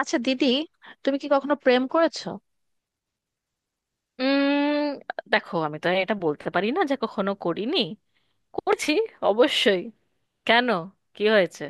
আচ্ছা দিদি, তুমি কি কখনো প্রেম করেছো? উম দেখো, আমি তো এটা বলতে পারি না যে কখনো করিনি। করছি, অবশ্যই। কেন, কি হয়েছে?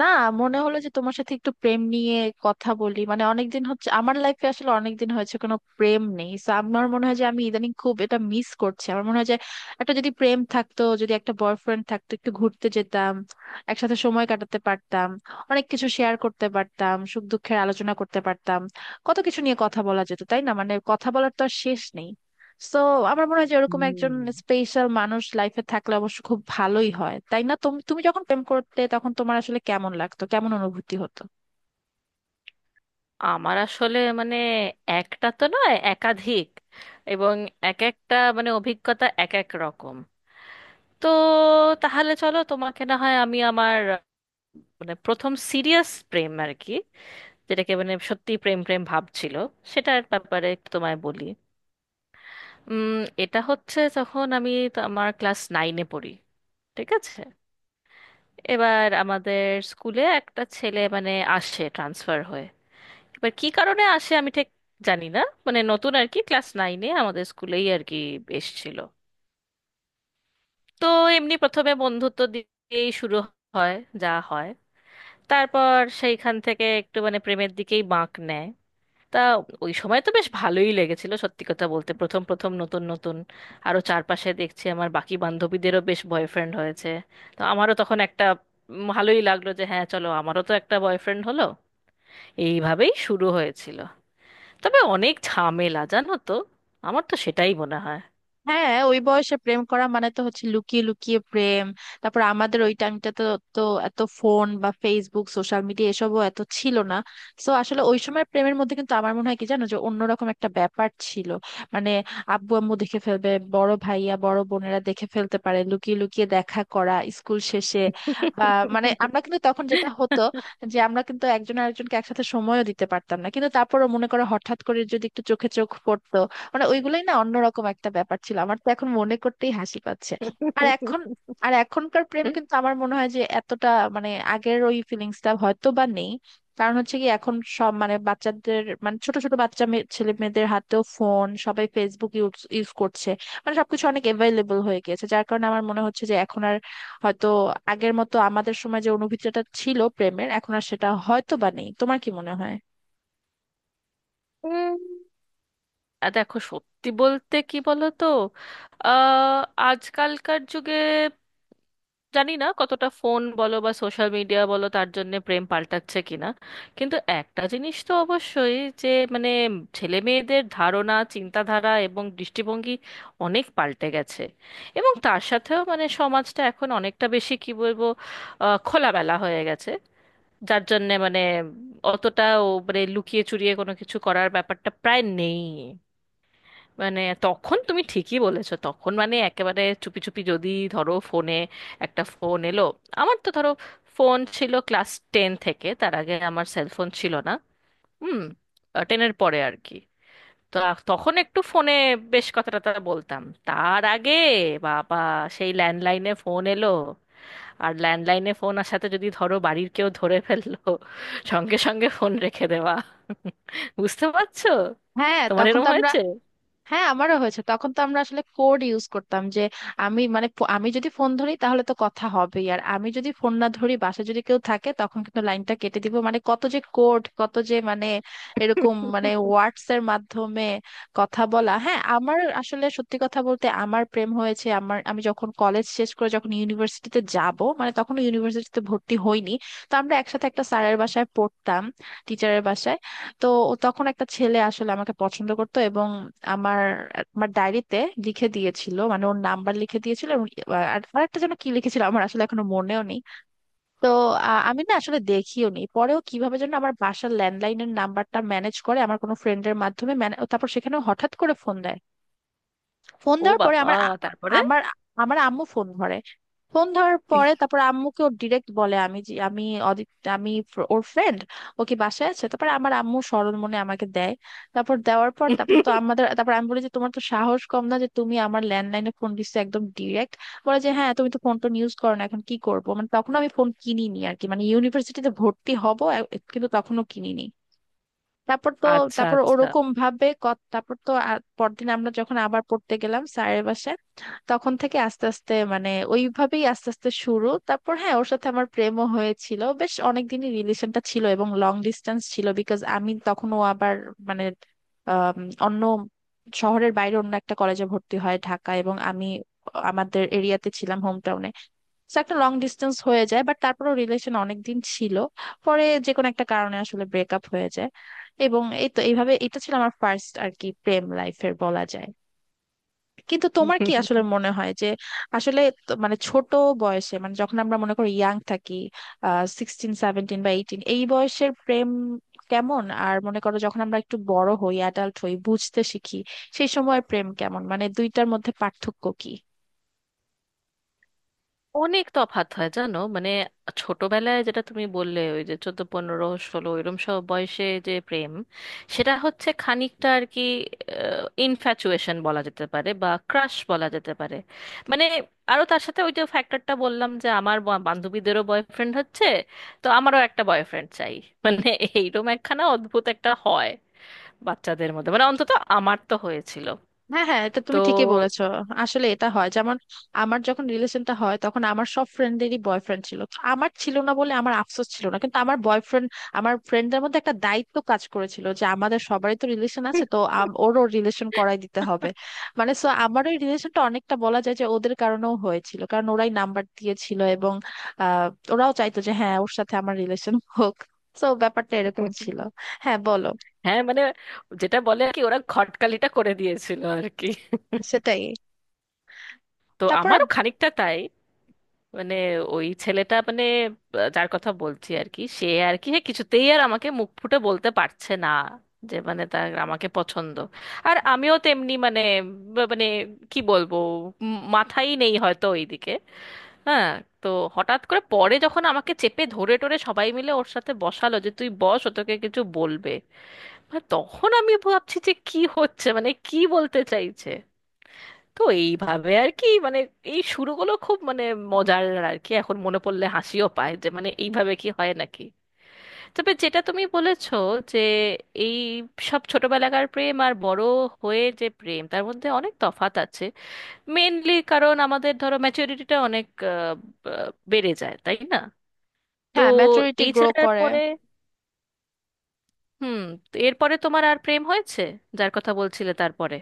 না, মনে হলো যে তোমার সাথে একটু প্রেম নিয়ে কথা বলি। মানে অনেকদিন হচ্ছে, আমার লাইফে আসলে অনেকদিন হয়েছে কোনো প্রেম নেই। So, আমার মনে হয় যে আমি ইদানিং খুব এটা মিস করছি। আমার মনে হয় যে একটা যদি প্রেম থাকতো, যদি একটা বয়ফ্রেন্ড থাকতো, একটু ঘুরতে যেতাম, একসাথে সময় কাটাতে পারতাম, অনেক কিছু শেয়ার করতে পারতাম, সুখ দুঃখের আলোচনা করতে পারতাম, কত কিছু নিয়ে কথা বলা যেত, তাই না? মানে কথা বলার তো আর শেষ নেই। সো আমার মনে হয় যে ওরকম একজন হুম। স্পেশাল মানুষ লাইফে থাকলে অবশ্য খুব ভালোই হয়, তাই না? তুমি তুমি যখন প্রেম করতে তখন তোমার আসলে কেমন লাগতো, কেমন অনুভূতি হতো? আমার আসলে একটা তো নয়, একাধিক। এবং এক একটা অভিজ্ঞতা এক এক রকম। তো তাহলে চলো, তোমাকে না হয় আমি আমার প্রথম সিরিয়াস প্রেম আর কি, যেটাকে সত্যি প্রেম প্রেম ভাব ছিল, সেটার ব্যাপারে তোমায় বলি। উম, এটা হচ্ছে যখন আমি তো আমার ক্লাস নাইনে পড়ি, ঠিক আছে? এবার আমাদের স্কুলে একটা ছেলে আসে ট্রান্সফার হয়ে। এবার কি কারণে আসে আমি ঠিক জানি না, নতুন আর কি, ক্লাস নাইনে আমাদের স্কুলেই আর কি এসেছিল। তো এমনি প্রথমে বন্ধুত্ব দিয়েই শুরু হয়, যা হয়। তারপর সেইখান থেকে একটু প্রেমের দিকেই বাঁক নেয়। তা ওই সময় তো বেশ ভালোই লেগেছিল সত্যি কথা বলতে, প্রথম প্রথম নতুন নতুন। আরো চারপাশে দেখছি আমার বাকি বান্ধবীদেরও বেশ বয়ফ্রেন্ড হয়েছে, তো আমারও তখন একটা ভালোই লাগলো যে হ্যাঁ চলো, আমারও তো একটা বয়ফ্রেন্ড হলো। এইভাবেই শুরু হয়েছিল। তবে অনেক ঝামেলা, জানো তো, আমার তো সেটাই মনে হয়। হ্যাঁ, ওই বয়সে প্রেম করা মানে তো হচ্ছে লুকিয়ে লুকিয়ে প্রেম। তারপর আমাদের ওই টাইমটা তো, তো এত ফোন বা ফেসবুক সোশ্যাল মিডিয়া এসবও এত ছিল না। তো আসলে ওই সময় প্রেমের মধ্যে কিন্তু আমার মনে হয় কি জানো, যে অন্যরকম একটা ব্যাপার ছিল। মানে আব্বু আম্মু দেখে ফেলবে, বড় ভাইয়া বড় বোনেরা দেখে ফেলতে পারে, লুকিয়ে লুকিয়ে দেখা করা স্কুল শেষে বা মানে আমরা কিন্তু তখন যেটা হতো যে আমরা কিন্তু একজন আরেকজনকে একসাথে সময়ও দিতে পারতাম না, কিন্তু তারপরও মনে করো হঠাৎ করে যদি একটু চোখে চোখ পড়তো, মানে ওইগুলোই না অন্যরকম একটা ব্যাপার ছিল। আমার তো এখন মনে করতেই হাসি পাচ্ছে। আর এখন আর এখনকার প্রেম কিন্তু আমার মনে হয় যে এতটা মানে আগের ওই ফিলিংসটা হয়তো বা নেই। কারণ হচ্ছে কি, এখন সব মানে বাচ্চাদের মানে ছোট ছোট বাচ্চা ছেলে মেয়েদের হাতেও ফোন, সবাই ফেসবুক ইউজ ইউজ করছে। মানে সবকিছু অনেক অ্যাভেলেবল হয়ে গেছে, যার কারণে আমার মনে হচ্ছে যে এখন আর হয়তো আগের মতো আমাদের সময় যে অনুভূতিটা ছিল প্রেমের এখন আর সেটা হয়তো বা নেই। তোমার কি মনে হয়? আর দেখো সত্যি বলতে কি, বলো তো, আহ, আজকালকার যুগে জানি না কতটা ফোন বলো বা সোশ্যাল মিডিয়া বলো, তার জন্য প্রেম পাল্টাচ্ছে কিনা, কিন্তু একটা জিনিস তো অবশ্যই যে মানে ছেলে মেয়েদের ধারণা, চিন্তাধারা এবং দৃষ্টিভঙ্গি অনেক পাল্টে গেছে। এবং তার সাথেও সমাজটা এখন অনেকটা বেশি কি বলবো, খোলামেলা হয়ে গেছে। যার জন্যে অতটাও লুকিয়ে চুরিয়ে কোনো কিছু করার ব্যাপারটা প্রায় নেই। মানে তখন তুমি ঠিকই বলেছো, তখন মানে একেবারে চুপি চুপি, যদি ধরো ফোনে একটা ফোন এলো। আমার তো ধরো ফোন ছিল ক্লাস টেন থেকে, তার আগে আমার সেলফোন ছিল না। হুম, টেনের পরে আর কি। তো তখন একটু ফোনে বেশ কথাটা টথা বলতাম। তার আগে বাবা, সেই ল্যান্ডলাইনে ফোন এলো, আর ল্যান্ডলাইনে ফোন আসাতে যদি ধরো বাড়ির কেউ ধরে ফেললো, সঙ্গে সঙ্গে ফোন রেখে দেওয়া। বুঝতে পারছো? হ্যাঁ তোমার তখন তো এরকম আমরা। হয়েছে? হ্যাঁ আমারও হয়েছে। তখন তো আমরা আসলে কোড ইউজ করতাম যে আমি মানে আমি যদি ফোন ধরি তাহলে তো কথা হবেই, আর আমি যদি ফোন না ধরি বাসায় যদি কেউ থাকে তখন কিন্তু লাইনটা কেটে দিব। মানে কত যে কোড, কত যে মানে এরকম মানে ওয়ার্ডস এর মাধ্যমে কথা বলা। হ্যাঁ, আমার আসলে সত্যি কথা বলতে আমার প্রেম হয়েছে আমার, আমি যখন কলেজ শেষ করে যখন ইউনিভার্সিটিতে যাব মানে তখন ইউনিভার্সিটিতে ভর্তি হইনি। তো আমরা একসাথে একটা স্যারের বাসায় পড়তাম, টিচারের বাসায়। তো তখন একটা ছেলে আসলে আমাকে পছন্দ করতো এবং আমার আমার ডায়েরিতে লিখে দিয়েছিল মানে ওর নাম্বার লিখে দিয়েছিল এবং আর আরেকটা যেন কি লিখেছিল আমার আসলে এখনো মনেও নেই। তো আমি না আসলে দেখিও নি, পরেও কিভাবে যেন আমার বাসার ল্যান্ডলাইনের নাম্বারটা ম্যানেজ করে আমার কোনো ফ্রেন্ডের মাধ্যমে তারপর সেখানে হঠাৎ করে ফোন দেয়। ফোন ও দেওয়ার পরে বাবা, তারপরে? আমার আমার আম্মু ফোন ধরে। ফোন ধরার ইহ, পরে তারপর আম্মুকে ওর ডিরেক্ট বলে আমি যে আমি অদিত, আমি ওর ফ্রেন্ড, ও কি বাসায় আছে। তারপর আমার আম্মু সরল মনে আমাকে দেয়। তারপর দেওয়ার পর তারপর তো আমাদের তারপর আমি বলি যে তোমার তো সাহস কম না যে তুমি আমার ল্যান্ডলাইনে ফোন দিচ্ছ একদম ডিরেক্ট। বলে যে হ্যাঁ তুমি তো ফোন টোন ইউজ করো না এখন কি করবো, মানে তখন আমি ফোন কিনিনি আর কি মানে ইউনিভার্সিটিতে ভর্তি হব কিন্তু তখনও কিনিনি। তারপর তো আচ্ছা তারপর আচ্ছা। ওরকম ভাবে তারপর তো আর পরদিন আমরা যখন আবার পড়তে গেলাম স্যারের বাসায়, তখন থেকে আস্তে আস্তে মানে ওইভাবেই আস্তে আস্তে শুরু। তারপর হ্যাঁ, ওর সাথে আমার প্রেমও হয়েছিল, বেশ অনেকদিনই রিলেশনটা ছিল এবং লং ডিস্টেন্স ছিল বিকজ আমি তখন ও আবার মানে আম, অন্য শহরের বাইরে অন্য একটা কলেজে ভর্তি হয় ঢাকা এবং আমি আমাদের এরিয়াতে ছিলাম হোম টাউনে। তো একটা লং ডিস্টেন্স হয়ে যায় বাট তারপরও রিলেশন অনেক দিন ছিল। পরে যে কোনো একটা কারণে আসলে ব্রেকআপ হয়ে যায়। এবং এই তো এইভাবে এটা ছিল আমার ফার্স্ট আর কি প্রেম লাইফের বলা যায়। কিন্তু তোমার কি আসলে মনে হয় যে আসলে তো মানে ছোট বয়সে মানে যখন আমরা মনে করি ইয়াং থাকি, সিক্সটিন সেভেন্টিন বা এইটিন এই বয়সের প্রেম কেমন, আর মনে করো যখন আমরা একটু বড় হই, অ্যাডাল্ট হই, বুঝতে শিখি সেই সময় প্রেম কেমন, মানে দুইটার মধ্যে পার্থক্য কি? অনেক তফাৎ হয় জানো। মানে ছোটবেলায় যেটা তুমি বললে, ওই যে চোদ্দ পনেরো ষোলো এরম সব বয়সে যে প্রেম, সেটা হচ্ছে খানিকটা আর কি ইনফ্যাচুয়েশন বলা যেতে পারে বা ক্রাশ বলা যেতে পারে। মানে আরো তার সাথে ওই যে ফ্যাক্টরটা বললাম, যে আমার বান্ধবীদেরও বয়ফ্রেন্ড হচ্ছে, তো আমারও একটা বয়ফ্রেন্ড চাই। মানে এইরকম একখানা অদ্ভুত একটা হয় বাচ্চাদের মধ্যে, মানে অন্তত আমার তো হয়েছিল। হ্যাঁ হ্যাঁ এটা তুমি তো ঠিকই বলেছো। আসলে এটা হয় যেমন আমার যখন রিলেশনটা হয় তখন আমার সব ফ্রেন্ডেরই বয়ফ্রেন্ড ছিল, তো আমার ছিল না বলে আমার আফসোস ছিল না, কিন্তু আমার বয়ফ্রেন্ড আমার ফ্রেন্ডদের মধ্যে একটা দায়িত্ব কাজ করেছিল যে আমাদের সবারই তো রিলেশন আছে, তো ওরও রিলেশন করাই দিতে হবে। মানে সো আমার ওই রিলেশনটা অনেকটা বলা যায় যে ওদের কারণেও হয়েছিল, কারণ ওরাই নাম্বার দিয়েছিল এবং আহ ওরাও চাইতো যে হ্যাঁ ওর সাথে আমার রিলেশন হোক। তো ব্যাপারটা এরকম ছিল। হ্যাঁ বলো। হ্যাঁ, যেটা বলে আর কি, ওরা খটকালিটা করে দিয়েছিল আর কি। সেটাই। তো তারপর আর- আমারও খানিকটা তাই। মানে ওই ছেলেটা যার কথা বলছি আর কি, সে আর কি হ্যাঁ, কিছুতেই আর আমাকে মুখ ফুটে বলতে পারছে না যে মানে তার আমাকে পছন্দ। আর আমিও তেমনি মানে কি বলবো, মাথাই নেই হয়তো ওইদিকে। হ্যাঁ। তো হঠাৎ করে পরে যখন আমাকে চেপে ধরে টরে সবাই মিলে ওর সাথে বসালো, যে তুই বস, ও তোকে কিছু বলবে। আর তখন আমি ভাবছি যে কি হচ্ছে, মানে কি বলতে চাইছে। তো এইভাবে আর কি। এই শুরুগুলো খুব মজার আর কি, এখন মনে পড়লে হাসিও পায় যে মানে এইভাবে কি হয় নাকি। তবে যেটা তুমি বলেছো, যে এই সব ছোটবেলাকার প্রেম আর বড় হয়ে যে প্রেম, তার মধ্যে অনেক তফাত আছে। মেইনলি কারণ আমাদের ধরো ম্যাচুরিটিটা অনেক আহ, বেড়ে যায়, তাই না? তো হ্যাঁ ম্যাচুরিটি এই গ্রো ছেলেটার করে। পরে হুম। তো এরপরে তোমার আর প্রেম হয়েছে, যার কথা বলছিলে তারপরে?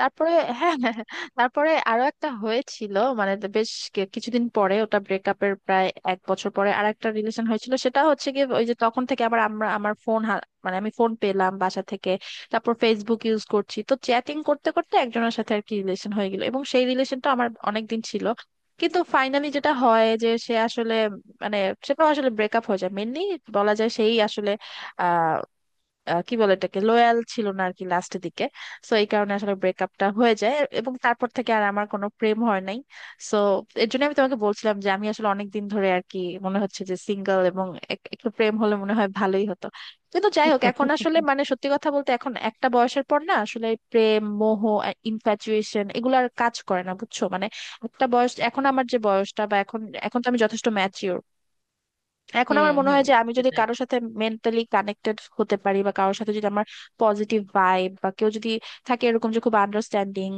তারপরে হ্যাঁ হ্যাঁ হ্যাঁ। তারপরে আরো একটা হয়েছিল মানে তো বেশ কিছুদিন পরে, ওটা ব্রেকআপের প্রায় এক বছর পরে আর একটা রিলেশন হয়েছিল। সেটা হচ্ছে গিয়ে ওই যে তখন থেকে আবার আমরা আমার ফোন মানে আমি ফোন পেলাম বাসা থেকে। তারপর ফেসবুক ইউজ করছি, তো চ্যাটিং করতে করতে একজনের সাথে আর কি রিলেশন হয়ে গেল এবং সেই রিলেশনটা আমার অনেক দিন ছিল। কিন্তু ফাইনালি যেটা হয় যে সে আসলে মানে সেটাও আসলে ব্রেকআপ হয়ে যায় মেনলি, বলা যায় সেই আসলে কি বলে এটাকে, লয়াল ছিল না আর কি লাস্টের দিকে। সো এই কারণে আসলে ব্রেকআপটা হয়ে যায় এবং তারপর থেকে আর আমার কোনো প্রেম হয় নাই। সো এর জন্য আমি তোমাকে বলছিলাম যে আমি আসলে অনেক দিন ধরে আর কি মনে হচ্ছে যে সিঙ্গেল এবং একটু প্রেম হলে মনে হয় ভালোই হতো। কিন্তু যাই হোক এখন আসলে মানে সত্যি কথা বলতে এখন একটা বয়সের পর না আসলে প্রেম মোহ ইনফ্যাচুয়েশন এগুলো আর কাজ করে না বুঝছো। মানে একটা বয়স এখন আমার যে বয়সটা বা এখন, এখন তো আমি যথেষ্ট ম্যাচিওর। এখন হুম, আমার মনে হুম। হয় যে আমি যদি সেটাই। কারোর সাথে মেন্টালি কানেক্টেড হতে পারি বা কারোর সাথে যদি আমার পজিটিভ ভাইব বা কেউ যদি থাকে এরকম যে খুব আন্ডারস্ট্যান্ডিং,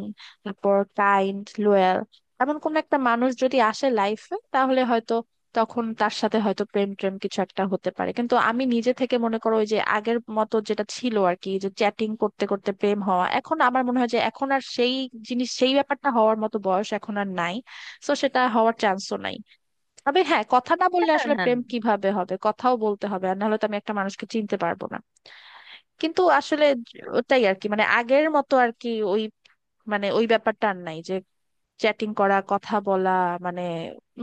তারপর কাইন্ড, লোয়াল, এমন কোন একটা মানুষ যদি আসে লাইফে তাহলে হয়তো তখন তার সাথে হয়তো প্রেম প্রেম কিছু একটা হতে পারে। কিন্তু আমি নিজে থেকে মনে করো ওই যে আগের মতো যেটা ছিল আর কি যে চ্যাটিং করতে করতে প্রেম হওয়া, এখন আমার মনে হয় যে এখন আর সেই জিনিস সেই ব্যাপারটা হওয়ার মতো বয়স এখন আর নাই। তো সেটা হওয়ার চান্সও নাই। তবে হ্যাঁ, কথা না বললে হ্যাঁ, আসলে হ্যাঁ, প্রেম কিভাবে হবে, কথাও বলতে হবে আর নাহলে তো আমি একটা মানুষকে চিনতে পারবো না। কিন্তু আসলে ওটাই আর কি, মানে আগের মতো আর কি ওই মানে ওই ব্যাপারটা আর নাই যে চ্যাটিং করা কথা বলা। মানে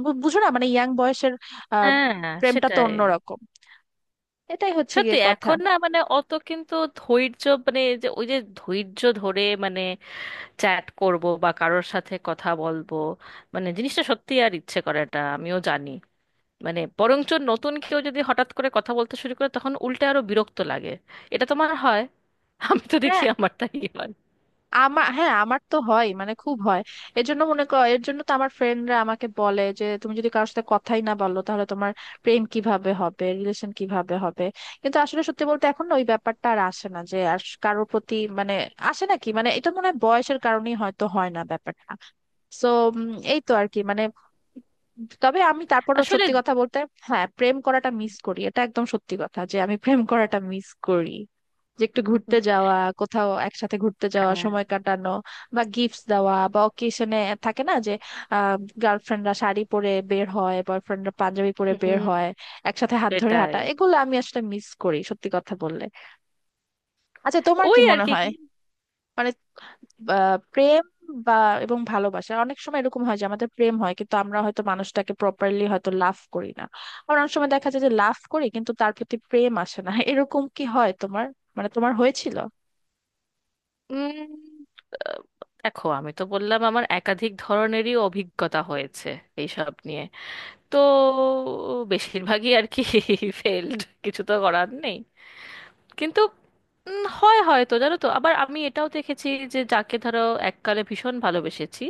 বুঝো না মানে ইয়াং বয়সের আহ হ্যাঁ। প্রেমটা তো সেটাই। অন্যরকম। এটাই হচ্ছে গিয়ে সত্যি কথা। এখন না মানে অত কিন্তু ধৈর্য, মানে এই যে ওই যে ধৈর্য ধরে চ্যাট করব বা কারোর সাথে কথা বলবো, মানে জিনিসটা সত্যি আর ইচ্ছে করেটা আমিও জানি। মানে বরঞ্চ নতুন কেউ যদি হঠাৎ করে কথা বলতে শুরু করে, তখন উল্টে আরো বিরক্ত লাগে। এটা তোমার হয়? আমি তো দেখি হ্যাঁ আমারটাই হয়। হ্যাঁ আমার তো হয় মানে খুব হয়। এর জন্য মনে কর এর জন্য তো আমার ফ্রেন্ডরা আমাকে বলে যে তুমি যদি কারোর সাথে কথাই না বলো তাহলে তোমার প্রেম কিভাবে হবে, রিলেশন কিভাবে হবে। কিন্তু আসলে সত্যি বলতে এখন না ওই ব্যাপারটা আর আসে না যে আর কারোর প্রতি মানে আসে না কি, মানে এটা মনে হয় বয়সের কারণেই হয়তো হয় না ব্যাপারটা। সো এই তো আর কি মানে। তবে আমি তারপরও আসলে সত্যি কথা বলতে হ্যাঁ প্রেম করাটা মিস করি, এটা একদম সত্যি কথা যে আমি প্রেম করাটা মিস করি। যে একটু ঘুরতে যাওয়া, কোথাও একসাথে ঘুরতে যাওয়া, হ্যাঁ। সময় কাটানো বা গিফটস দেওয়া বা অকেশনে থাকে না যে আহ গার্লফ্রেন্ডরা শাড়ি পরে বের হয়, বয়ফ্রেন্ডরা পাঞ্জাবি পরে বের হুম, হয়, একসাথে হাত ধরে সেটাই, হাঁটা, এগুলো আমি আসলে মিস করি সত্যি কথা বললে। আচ্ছা তোমার কি ওই আর মনে কি। হয় মানে প্রেম বা এবং ভালোবাসা অনেক সময় এরকম হয় যে আমাদের প্রেম হয় কিন্তু আমরা হয়তো মানুষটাকে প্রপারলি হয়তো লাভ করি না। আবার অনেক সময় দেখা যায় যে লাভ করি কিন্তু তার প্রতি প্রেম আসে না। এরকম কি হয় তোমার, মানে তোমার হয়েছিল? উম, আহ, দেখো আমি তো বললাম আমার একাধিক ধরনেরই অভিজ্ঞতা হয়েছে এইসব নিয়ে। তো বেশিরভাগই আর কি ফেলড, কিছু তো করার নেই। কিন্তু হয় হয়তো, জানো তো, আবার আমি এটাও দেখেছি যে যাকে ধরো এককালে ভীষণ ভালোবেসেছি,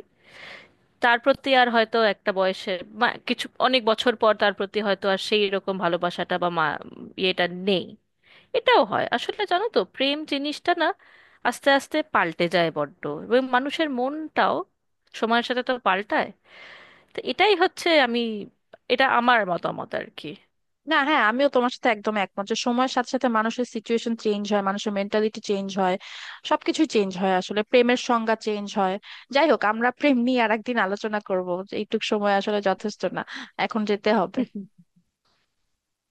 তার প্রতি আর হয়তো একটা বয়সে বা কিছু অনেক বছর পর তার প্রতি হয়তো আর সেই রকম ভালোবাসাটা বা ইয়েটা নেই। এটাও হয় আসলে। জানো তো প্রেম জিনিসটা না আস্তে আস্তে পাল্টে যায় বড্ড, এবং মানুষের মনটাও সময়ের সাথে তো পাল্টায়। তো এটাই হচ্ছে, আমি এটা আমার মতামত আর কি। না হ্যাঁ আমিও তোমার সাথে একদম একমত যে সময়ের সাথে সাথে মানুষের সিচুয়েশন চেঞ্জ হয়, মানুষের মেন্টালিটি চেঞ্জ হয়, সবকিছু চেঞ্জ হয়, আসলে প্রেমের সংজ্ঞা চেঞ্জ হয়। যাই হোক, আমরা প্রেম নিয়ে আর একদিন আলোচনা করবো, এইটুক সময় আসলে যথেষ্ট না। এখন যেতে হবে।